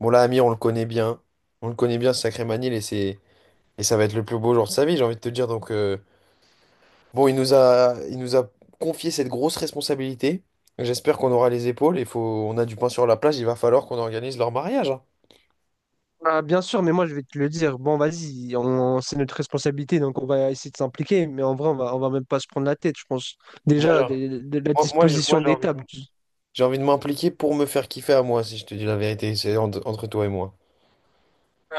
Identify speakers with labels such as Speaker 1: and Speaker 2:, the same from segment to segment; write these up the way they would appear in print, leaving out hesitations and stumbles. Speaker 1: Bon, là, Amir, on le connaît bien. On le connaît bien, ce sacré Manil, et ça va être le plus beau jour de sa vie, j'ai envie de te dire. Donc, il nous a confié cette grosse responsabilité. J'espère qu'on aura les épaules. Il faut, on a du pain sur la plage. Il va falloir qu'on organise leur mariage, hein.
Speaker 2: Ah, bien sûr, mais moi je vais te le dire. Bon, vas-y, c'est notre responsabilité, donc on va essayer de s'impliquer. Mais en vrai, on va même pas se prendre la tête, je pense.
Speaker 1: Moi, j'ai
Speaker 2: Déjà, de la
Speaker 1: moi,
Speaker 2: disposition
Speaker 1: j'ai
Speaker 2: des
Speaker 1: envie de,
Speaker 2: tables.
Speaker 1: J'ai envie de m'impliquer pour me faire kiffer à moi, si je te dis la vérité. C'est entre toi et moi.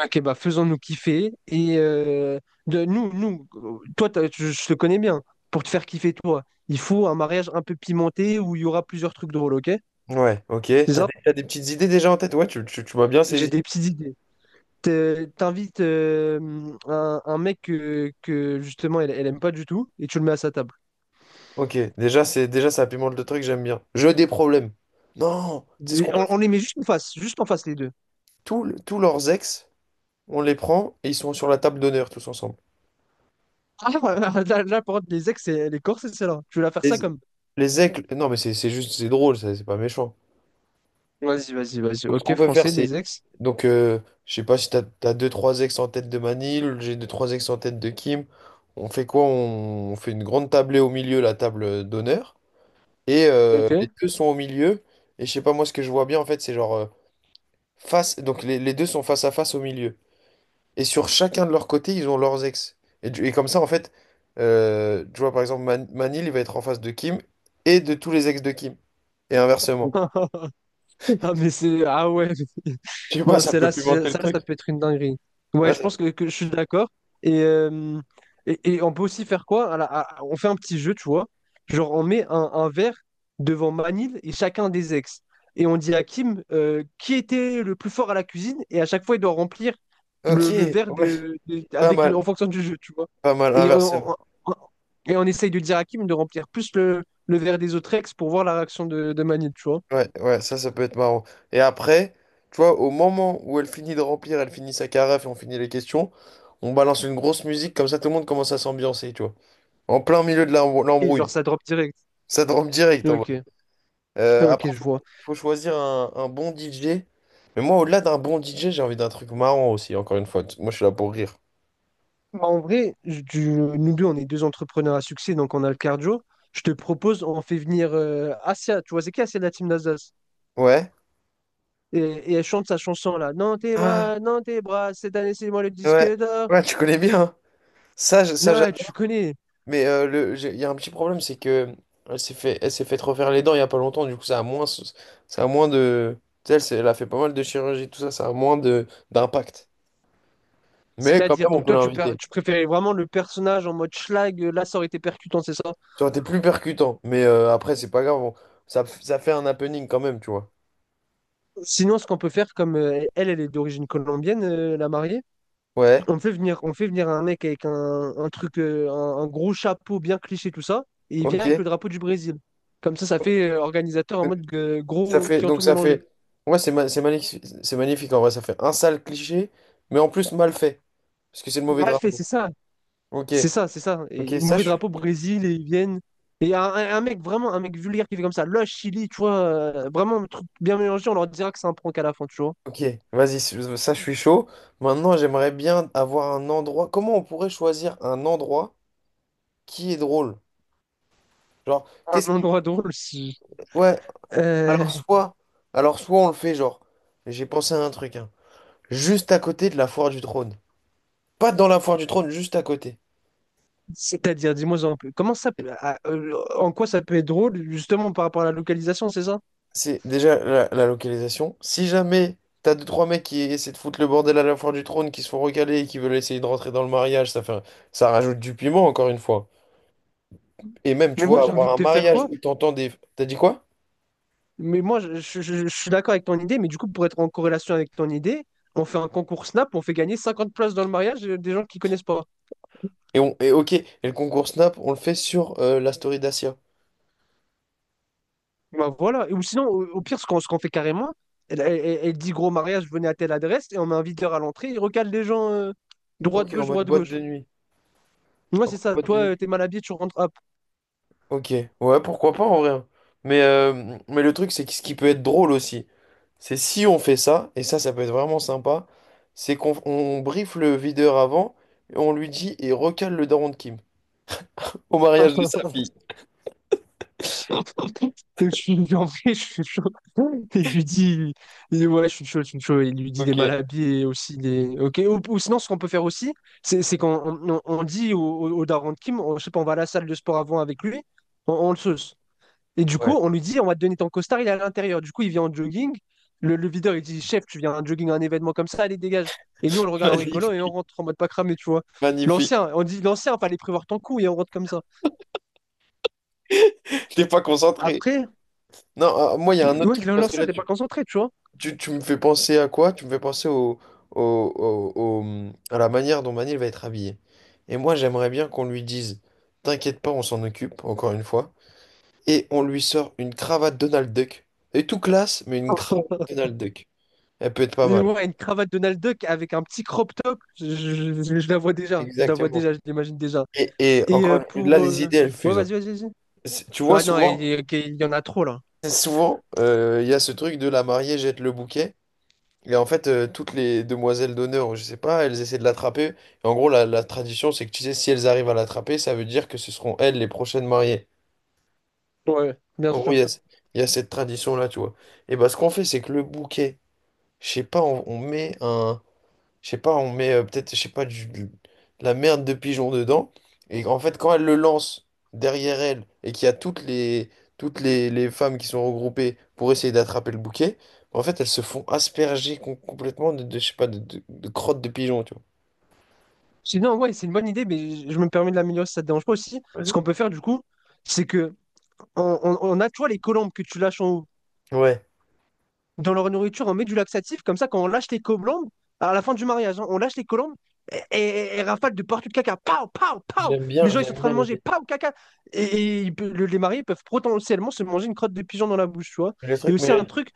Speaker 2: Ok, bah faisons-nous kiffer. Et de, nous, nous, toi, t'as- je te connais bien. Pour te faire kiffer, toi, il faut un mariage un peu pimenté où il y aura plusieurs trucs drôles, ok?
Speaker 1: Ouais, ok.
Speaker 2: C'est ça?
Speaker 1: T'as des petites idées déjà en tête? Ouais, tu m'as bien
Speaker 2: J'ai
Speaker 1: saisi.
Speaker 2: des petites idées. T'invites un mec justement elle aime pas du tout et tu le mets à sa table.
Speaker 1: Ok, déjà, ça pimente le truc, j'aime bien. Jeu des problèmes. Non, c'est ce
Speaker 2: Mais
Speaker 1: qu'on peut
Speaker 2: On, on les met juste en face les deux.
Speaker 1: tous leurs ex, on les prend et ils sont sur la table d'honneur tous ensemble.
Speaker 2: Ah, voilà, là, là, par contre, les ex et les corses, c'est celle-là. Tu veux la faire ça
Speaker 1: Les,
Speaker 2: comme.
Speaker 1: les ex, non mais c'est juste, c'est drôle, ça, c'est pas méchant.
Speaker 2: Vas-y, vas-y, vas-y.
Speaker 1: Donc ce qu'on
Speaker 2: Ok,
Speaker 1: peut faire,
Speaker 2: français,
Speaker 1: c'est.
Speaker 2: les ex.
Speaker 1: Donc, je sais pas si t'as deux, trois ex en tête de Manil, j'ai deux, trois ex en tête de Kim. On fait quoi? On fait une grande tablée au milieu, la table d'honneur. Et
Speaker 2: Ok.
Speaker 1: les deux sont au milieu. Et je sais pas, moi ce que je vois bien en fait, c'est face. Donc les deux sont face à face au milieu. Et sur chacun de leur côté, ils ont leurs ex. Et comme ça, en fait, tu vois, par exemple, Manil, il va être en face de Kim et de tous les ex de Kim. Et inversement.
Speaker 2: Ah, mais c'est. Ah ouais.
Speaker 1: Je sais pas,
Speaker 2: Non,
Speaker 1: ça peut
Speaker 2: celle-là, c'est-
Speaker 1: pimenter le
Speaker 2: celle-là,
Speaker 1: truc.
Speaker 2: ça peut être une dinguerie. Ouais,
Speaker 1: Ouais,
Speaker 2: je
Speaker 1: ça-
Speaker 2: pense que je suis d'accord. Et, euh, et on peut aussi faire quoi? Voilà, on fait un petit jeu, tu vois. Genre, on met un verre devant Manil et chacun des ex. Et on dit à Kim qui était le plus fort à la cuisine. Et à chaque fois, il doit remplir
Speaker 1: Ok,
Speaker 2: le verre
Speaker 1: ouais, pas mal,
Speaker 2: en fonction du jeu, tu vois.
Speaker 1: pas mal,
Speaker 2: Et
Speaker 1: inversement.
Speaker 2: on, on- on- et on essaye de dire à Kim de remplir plus le verre des autres ex pour voir la réaction de Manil, tu vois.
Speaker 1: Ouais, ouais, ça peut être marrant. Et après, tu vois, au moment où elle finit de remplir, elle finit sa carafe et on finit les questions, on balance une grosse musique, comme ça tout le monde commence à s'ambiancer, tu vois. En plein milieu de
Speaker 2: Et genre,
Speaker 1: l'embrouille.
Speaker 2: ça drop direct.
Speaker 1: Ça te rampe direct en
Speaker 2: Ok,
Speaker 1: Euh, après,
Speaker 2: ok, je
Speaker 1: faut,
Speaker 2: vois.
Speaker 1: faut choisir un bon DJ. Mais moi, au-delà d'un bon DJ, j'ai envie d'un truc marrant aussi, encore une fois. Moi, je suis là pour rire.
Speaker 2: Bah, en vrai, nous deux, on est deux entrepreneurs à succès, donc on a le cardio. Je te propose, on fait venir Asia. Tu vois, c'est qui Asia de la team d'Alsace?
Speaker 1: Ouais.
Speaker 2: Et elle chante sa chanson là. Non, tes
Speaker 1: Ah,
Speaker 2: bras, non, tes bras, cette année, c'est moi le disque
Speaker 1: ouais.
Speaker 2: d'or.
Speaker 1: Ouais, tu connais bien, hein. Ça,
Speaker 2: Non,
Speaker 1: ça
Speaker 2: ouais, tu
Speaker 1: j'adore.
Speaker 2: connais.
Speaker 1: Mais il y a un petit problème, c'est que elle s'est fait refaire les dents il y a pas longtemps. Du coup, ça a moins de. Tu sais, elle a fait pas mal de chirurgie, tout ça, ça a moins de d'impact. Mais quand
Speaker 2: C'est-à-dire,
Speaker 1: même, on
Speaker 2: donc
Speaker 1: peut
Speaker 2: toi, tu, pr-
Speaker 1: l'inviter.
Speaker 2: tu préférais vraiment le personnage en mode schlag, là, ça aurait été percutant, c'est ça?
Speaker 1: Ça aurait été plus percutant. Mais après, c'est pas grave. Ça, ça fait un happening quand même, tu vois.
Speaker 2: Sinon, ce qu'on peut faire, comme elle est d'origine colombienne, la mariée.
Speaker 1: Ouais,
Speaker 2: On fait venir un mec avec un truc, un gros chapeau bien cliché, tout ça, et il vient
Speaker 1: ok.
Speaker 2: avec le drapeau du Brésil. Comme ça fait organisateur en mode
Speaker 1: Ça
Speaker 2: gros
Speaker 1: fait,
Speaker 2: qui ont
Speaker 1: donc
Speaker 2: tout
Speaker 1: ça
Speaker 2: mélangé.
Speaker 1: fait. Ouais, c'est magnifique. C'est magnifique en vrai. Ça fait un sale cliché, mais en plus mal fait. Parce que c'est le mauvais
Speaker 2: Mal fait,
Speaker 1: drapeau.
Speaker 2: c'est ça.
Speaker 1: Ok,
Speaker 2: C'est ça, c'est ça.
Speaker 1: ok,
Speaker 2: Et
Speaker 1: ça
Speaker 2: mauvais
Speaker 1: je suis.
Speaker 2: drapeau Brésil, et ils viennent. Et un mec, vraiment, un mec vulgaire qui fait comme ça. Là, Chili, tu vois, vraiment un truc bien mélangé, on leur dira que c'est un prank à la fin, tu vois.
Speaker 1: Ok, vas-y, ça je suis chaud. Maintenant, j'aimerais bien avoir un endroit. Comment on pourrait choisir un endroit qui est drôle? Genre,
Speaker 2: Un
Speaker 1: qu'est-ce qui.
Speaker 2: endroit drôle, si.
Speaker 1: Ouais, alors
Speaker 2: Euh,
Speaker 1: soit. Alors soit on le fait, genre. J'ai pensé à un truc, hein. Juste à côté de la foire du trône. Pas dans la foire du trône, juste à côté.
Speaker 2: C'est-à-dire, dis-moi un peu, comment ça peut, ah, en quoi ça peut être drôle, justement, par rapport à la localisation, c'est ça?
Speaker 1: C'est déjà la localisation. Si jamais t'as deux, trois mecs qui essaient de foutre le bordel à la foire du trône, qui se font recaler et qui veulent essayer de rentrer dans le mariage, ça fait, ça rajoute du piment, encore une fois. Et même, tu
Speaker 2: Mais moi,
Speaker 1: vois,
Speaker 2: j'ai envie
Speaker 1: avoir
Speaker 2: de
Speaker 1: un
Speaker 2: te faire
Speaker 1: mariage
Speaker 2: quoi?
Speaker 1: où t'entends des... T'as dit quoi?
Speaker 2: Mais moi, je suis d'accord avec ton idée, mais du coup, pour être en corrélation avec ton idée, on fait un concours Snap, on fait gagner 50 places dans le mariage des gens qui connaissent pas.
Speaker 1: Et, on, et ok, et le concours Snap, on le fait sur la story d'Asia.
Speaker 2: Bah, voilà. Et ou sinon, au pire, ce qu'on fait carrément, elle dit gros mariage, venez à telle adresse, et on met un videur à l'entrée, il recale les gens
Speaker 1: Ok, en
Speaker 2: droite-gauche,
Speaker 1: mode boîte de
Speaker 2: droite-gauche.
Speaker 1: nuit.
Speaker 2: Moi,
Speaker 1: En
Speaker 2: c'est
Speaker 1: mode
Speaker 2: ça.
Speaker 1: boîte de
Speaker 2: Toi,
Speaker 1: nuit.
Speaker 2: t'es mal habillé, tu rentres. Hop.
Speaker 1: Ok, ouais, pourquoi pas en vrai, hein. Mais mais le truc, c'est que ce qui peut être drôle aussi, c'est si on fait ça, et ça, ça peut être vraiment sympa, c'est qu'on on briefe le videur avant, et on lui dit, et recale le daron de Kim au mariage de sa fille.
Speaker 2: Je suis en vrai, je suis chaud. Et il dit, ouais, je suis chaud, je suis chaud. Il lui dit, il est
Speaker 1: Ok,
Speaker 2: mal habillé aussi. Il Ok. Ou sinon, ce qu'on peut faire aussi, c'est qu'on on dit au daron de Kim, je sais pas, on va à la salle de sport avant avec lui, on le sauce. Et du coup,
Speaker 1: ouais.
Speaker 2: on lui dit, on va te donner ton costard, il est à l'intérieur. Du coup, il vient en jogging. Le videur, il dit, chef, tu viens en jogging à un événement comme ça, allez, dégage. Et nous, on le regarde en rigolant et on
Speaker 1: Magnifique,
Speaker 2: rentre en mode pas cramé, tu vois.
Speaker 1: magnifique.
Speaker 2: L'ancien, on dit, l'ancien, fallait prévoir ton coup et on rentre comme ça.
Speaker 1: T'es pas concentré.
Speaker 2: Après,
Speaker 1: Non, ah, moi, il y a un autre
Speaker 2: ouais,
Speaker 1: truc,
Speaker 2: le
Speaker 1: parce que
Speaker 2: lancer,
Speaker 1: là,
Speaker 2: t'es pas concentré, tu vois.
Speaker 1: tu me fais penser à quoi? Tu me fais penser au, à la manière dont Manil va être habillé. Et moi, j'aimerais bien qu'on lui dise, t'inquiète pas, on s'en occupe, encore une fois. Et on lui sort une cravate Donald Duck. Elle est tout classe, mais une cravate Donald Duck. Elle peut être pas
Speaker 2: Et
Speaker 1: mal.
Speaker 2: ouais, une cravate Donald Duck avec un petit crop top, je la vois déjà. Je la vois
Speaker 1: Exactement.
Speaker 2: déjà, je l'imagine déjà.
Speaker 1: Et,
Speaker 2: Et euh,
Speaker 1: là,
Speaker 2: pour... euh,
Speaker 1: les idées, elles
Speaker 2: Ouais,
Speaker 1: fusent, hein.
Speaker 2: vas-y, vas-y, vas-y.
Speaker 1: Tu vois,
Speaker 2: Ouais, non, il y ok, il y en a trop, là.
Speaker 1: souvent, il y a ce truc de la mariée jette le bouquet. Et en fait, toutes les demoiselles d'honneur, ou je sais pas, elles essaient de l'attraper. Et en gros, la tradition, c'est que tu sais, si elles arrivent à l'attraper, ça veut dire que ce seront elles les prochaines mariées.
Speaker 2: Ouais, bien
Speaker 1: En gros,
Speaker 2: sûr.
Speaker 1: il y a cette tradition-là, tu vois. Et bah, ce qu'on fait, c'est que le bouquet, je sais pas, on met un. Je sais pas, on met peut-être, je sais pas, de la merde de pigeon dedans. Et en fait, quand elle le lance derrière elle et qu'il y a toutes les femmes qui sont regroupées pour essayer d'attraper le bouquet, en fait, elles se font asperger complètement je sais pas, de crottes de pigeon, tu vois.
Speaker 2: Sinon, ouais, c'est une bonne idée, mais je me permets de l'améliorer si ça te dérange pas aussi. Ce
Speaker 1: Vas-y.
Speaker 2: qu'on peut faire, du coup, c'est que on a, tu vois, les colombes que tu lâches en haut.
Speaker 1: Ouais,
Speaker 2: Dans leur nourriture, on met du laxatif, comme ça, quand on lâche les colombes, à la fin du mariage, hein, on lâche les colombes et rafale de partout de caca. Pow, pow, pow. Les gens, ils sont en
Speaker 1: j'aime
Speaker 2: train
Speaker 1: bien
Speaker 2: de manger.
Speaker 1: l'idée.
Speaker 2: Pow, caca. Et les mariés peuvent potentiellement se manger une crotte de pigeon dans la bouche, tu vois.
Speaker 1: Le
Speaker 2: Et
Speaker 1: truc, mais
Speaker 2: aussi, un
Speaker 1: le-
Speaker 2: truc,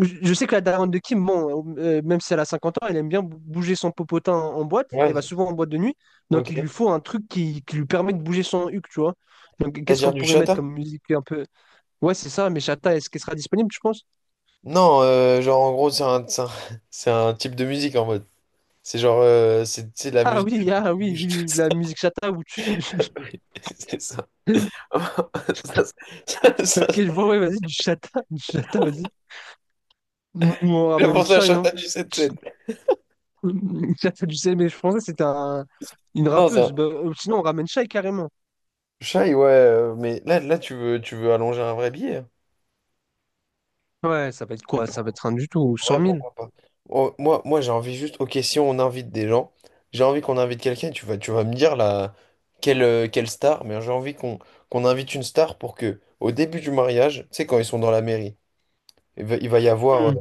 Speaker 2: je sais que la daronne de Kim, bon, même si elle a 50 ans, elle aime bien bouger son popotin en boîte. Elle
Speaker 1: Ouais,
Speaker 2: va souvent en boîte de nuit. Donc, il lui
Speaker 1: ok.
Speaker 2: faut un truc qui lui permet de bouger son huc, tu vois. Donc, qu'est-ce
Speaker 1: C'est-à-dire
Speaker 2: qu'on
Speaker 1: du
Speaker 2: pourrait mettre
Speaker 1: chata?
Speaker 2: comme musique un peu. Ouais, c'est ça, mais Chata, est-ce qu'elle sera disponible, tu penses?
Speaker 1: Non, genre en gros, c'est un type de musique en mode. C'est genre, c'est de la
Speaker 2: Ah
Speaker 1: musique.
Speaker 2: oui, ah oui, oui, oui, la musique chata où tu.
Speaker 1: C'est ça. Ça, Ça,
Speaker 2: Ok, je vois, ouais, vas-y, du chata, du chata, vas-y. Mouvement
Speaker 1: j'ai
Speaker 2: ramène
Speaker 1: pensé à
Speaker 2: chien hein.
Speaker 1: Chantal du 7-7.
Speaker 2: Ça fait du CM, mais je pensais que c'était une
Speaker 1: Non,
Speaker 2: rappeuse.
Speaker 1: ça.
Speaker 2: Bah, sinon, on ramène Shai carrément.
Speaker 1: Shy, ouais, mais là tu veux allonger un vrai billet, hein.
Speaker 2: Ouais, ça va être
Speaker 1: Mais
Speaker 2: quoi? Ça va
Speaker 1: pourquoi,
Speaker 2: être rien du tout,
Speaker 1: en
Speaker 2: 100
Speaker 1: vrai,
Speaker 2: 000.
Speaker 1: pourquoi pas? Oh, moi j'ai envie juste, ok, si on invite des gens, j'ai envie qu'on invite quelqu'un, tu vas me dire là, quelle star, mais j'ai envie qu'on invite une star pour que, au début du mariage, tu sais, quand ils sont dans la mairie, il va y avoir
Speaker 2: Hmm.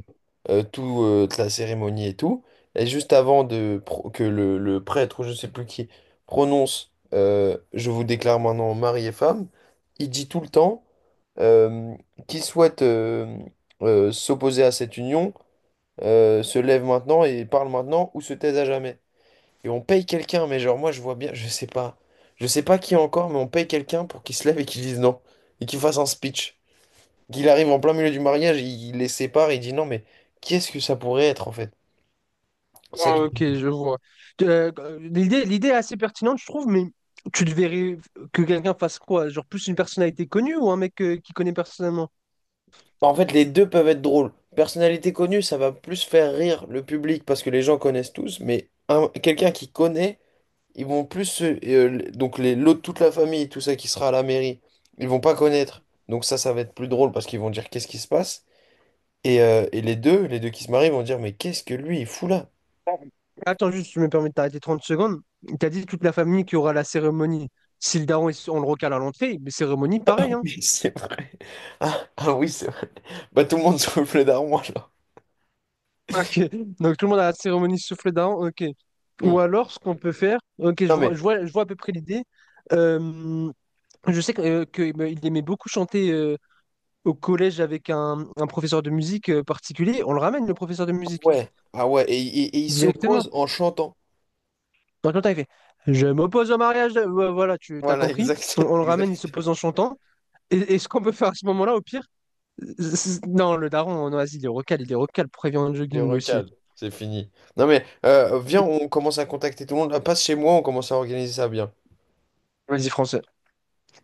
Speaker 1: toute la cérémonie et tout. Et juste avant de que le prêtre ou je sais plus qui prononce Je vous déclare maintenant mari et femme, il dit tout le temps euh, qui souhaite s'opposer à cette union se lève maintenant et parle maintenant ou se taise à jamais. Et on paye quelqu'un, mais genre moi je vois bien, je sais pas qui encore, mais on paye quelqu'un pour qu'il se lève et qu'il dise non et qu'il fasse un speech qu'il arrive en plein milieu du mariage, il les sépare, il dit non, mais qu'est-ce que ça pourrait être en fait? Ça
Speaker 2: Ah,
Speaker 1: que
Speaker 2: ok, je vois. Euh, l'idée est assez pertinente, je trouve, mais tu te verrais que quelqu'un fasse quoi? Genre plus une personnalité connue ou un mec qui connaît personnellement?
Speaker 1: En fait, les deux peuvent être drôles. Personnalité connue, ça va plus faire rire le public parce que les gens connaissent tous, mais quelqu'un qui connaît, ils vont plus donc les l'autre toute la famille, tout ça qui sera à la mairie, ils vont pas connaître. Donc ça va être plus drôle parce qu'ils vont dire qu'est-ce qui se passe. Et les deux qui se marient vont dire mais qu'est-ce que lui il fout là?
Speaker 2: Attends, juste, je me permets de t'arrêter 30 secondes. T'as dit toute la famille qui aura la cérémonie. Si le daron, on le recale à l'entrée, mais cérémonie, pareil, hein.
Speaker 1: Mais c'est vrai. Ah, ah oui, c'est vrai. Bah tout le monde souffle d'armoire là.
Speaker 2: Ok. Donc tout le monde a la cérémonie souffle daron, ok.
Speaker 1: Hmm.
Speaker 2: Ou alors, ce qu'on peut faire, ok, je
Speaker 1: Non
Speaker 2: vois,
Speaker 1: mais
Speaker 2: je vois, je vois à peu près l'idée. Euh, je sais il aimait beaucoup chanter au collège avec un professeur de musique particulier. On le ramène, le professeur de musique,
Speaker 1: Ouais. Ah ouais, et il
Speaker 2: directement.
Speaker 1: s'oppose en chantant.
Speaker 2: Dans le temps, il fait, Je m'oppose au mariage. Ouais, voilà, tu t'as
Speaker 1: Voilà,
Speaker 2: compris.
Speaker 1: exact.
Speaker 2: On le ramène, il se
Speaker 1: Exact.
Speaker 2: pose en chantant. Et ce qu'on peut faire à ce moment-là, au pire, non, le daron en oasis, il est recal, prévient le
Speaker 1: Les
Speaker 2: jogging lui aussi.
Speaker 1: recale. C'est fini. Non mais, viens, on commence à contacter tout le monde. Passe chez moi, on commence à organiser ça bien.
Speaker 2: Vas-y, français.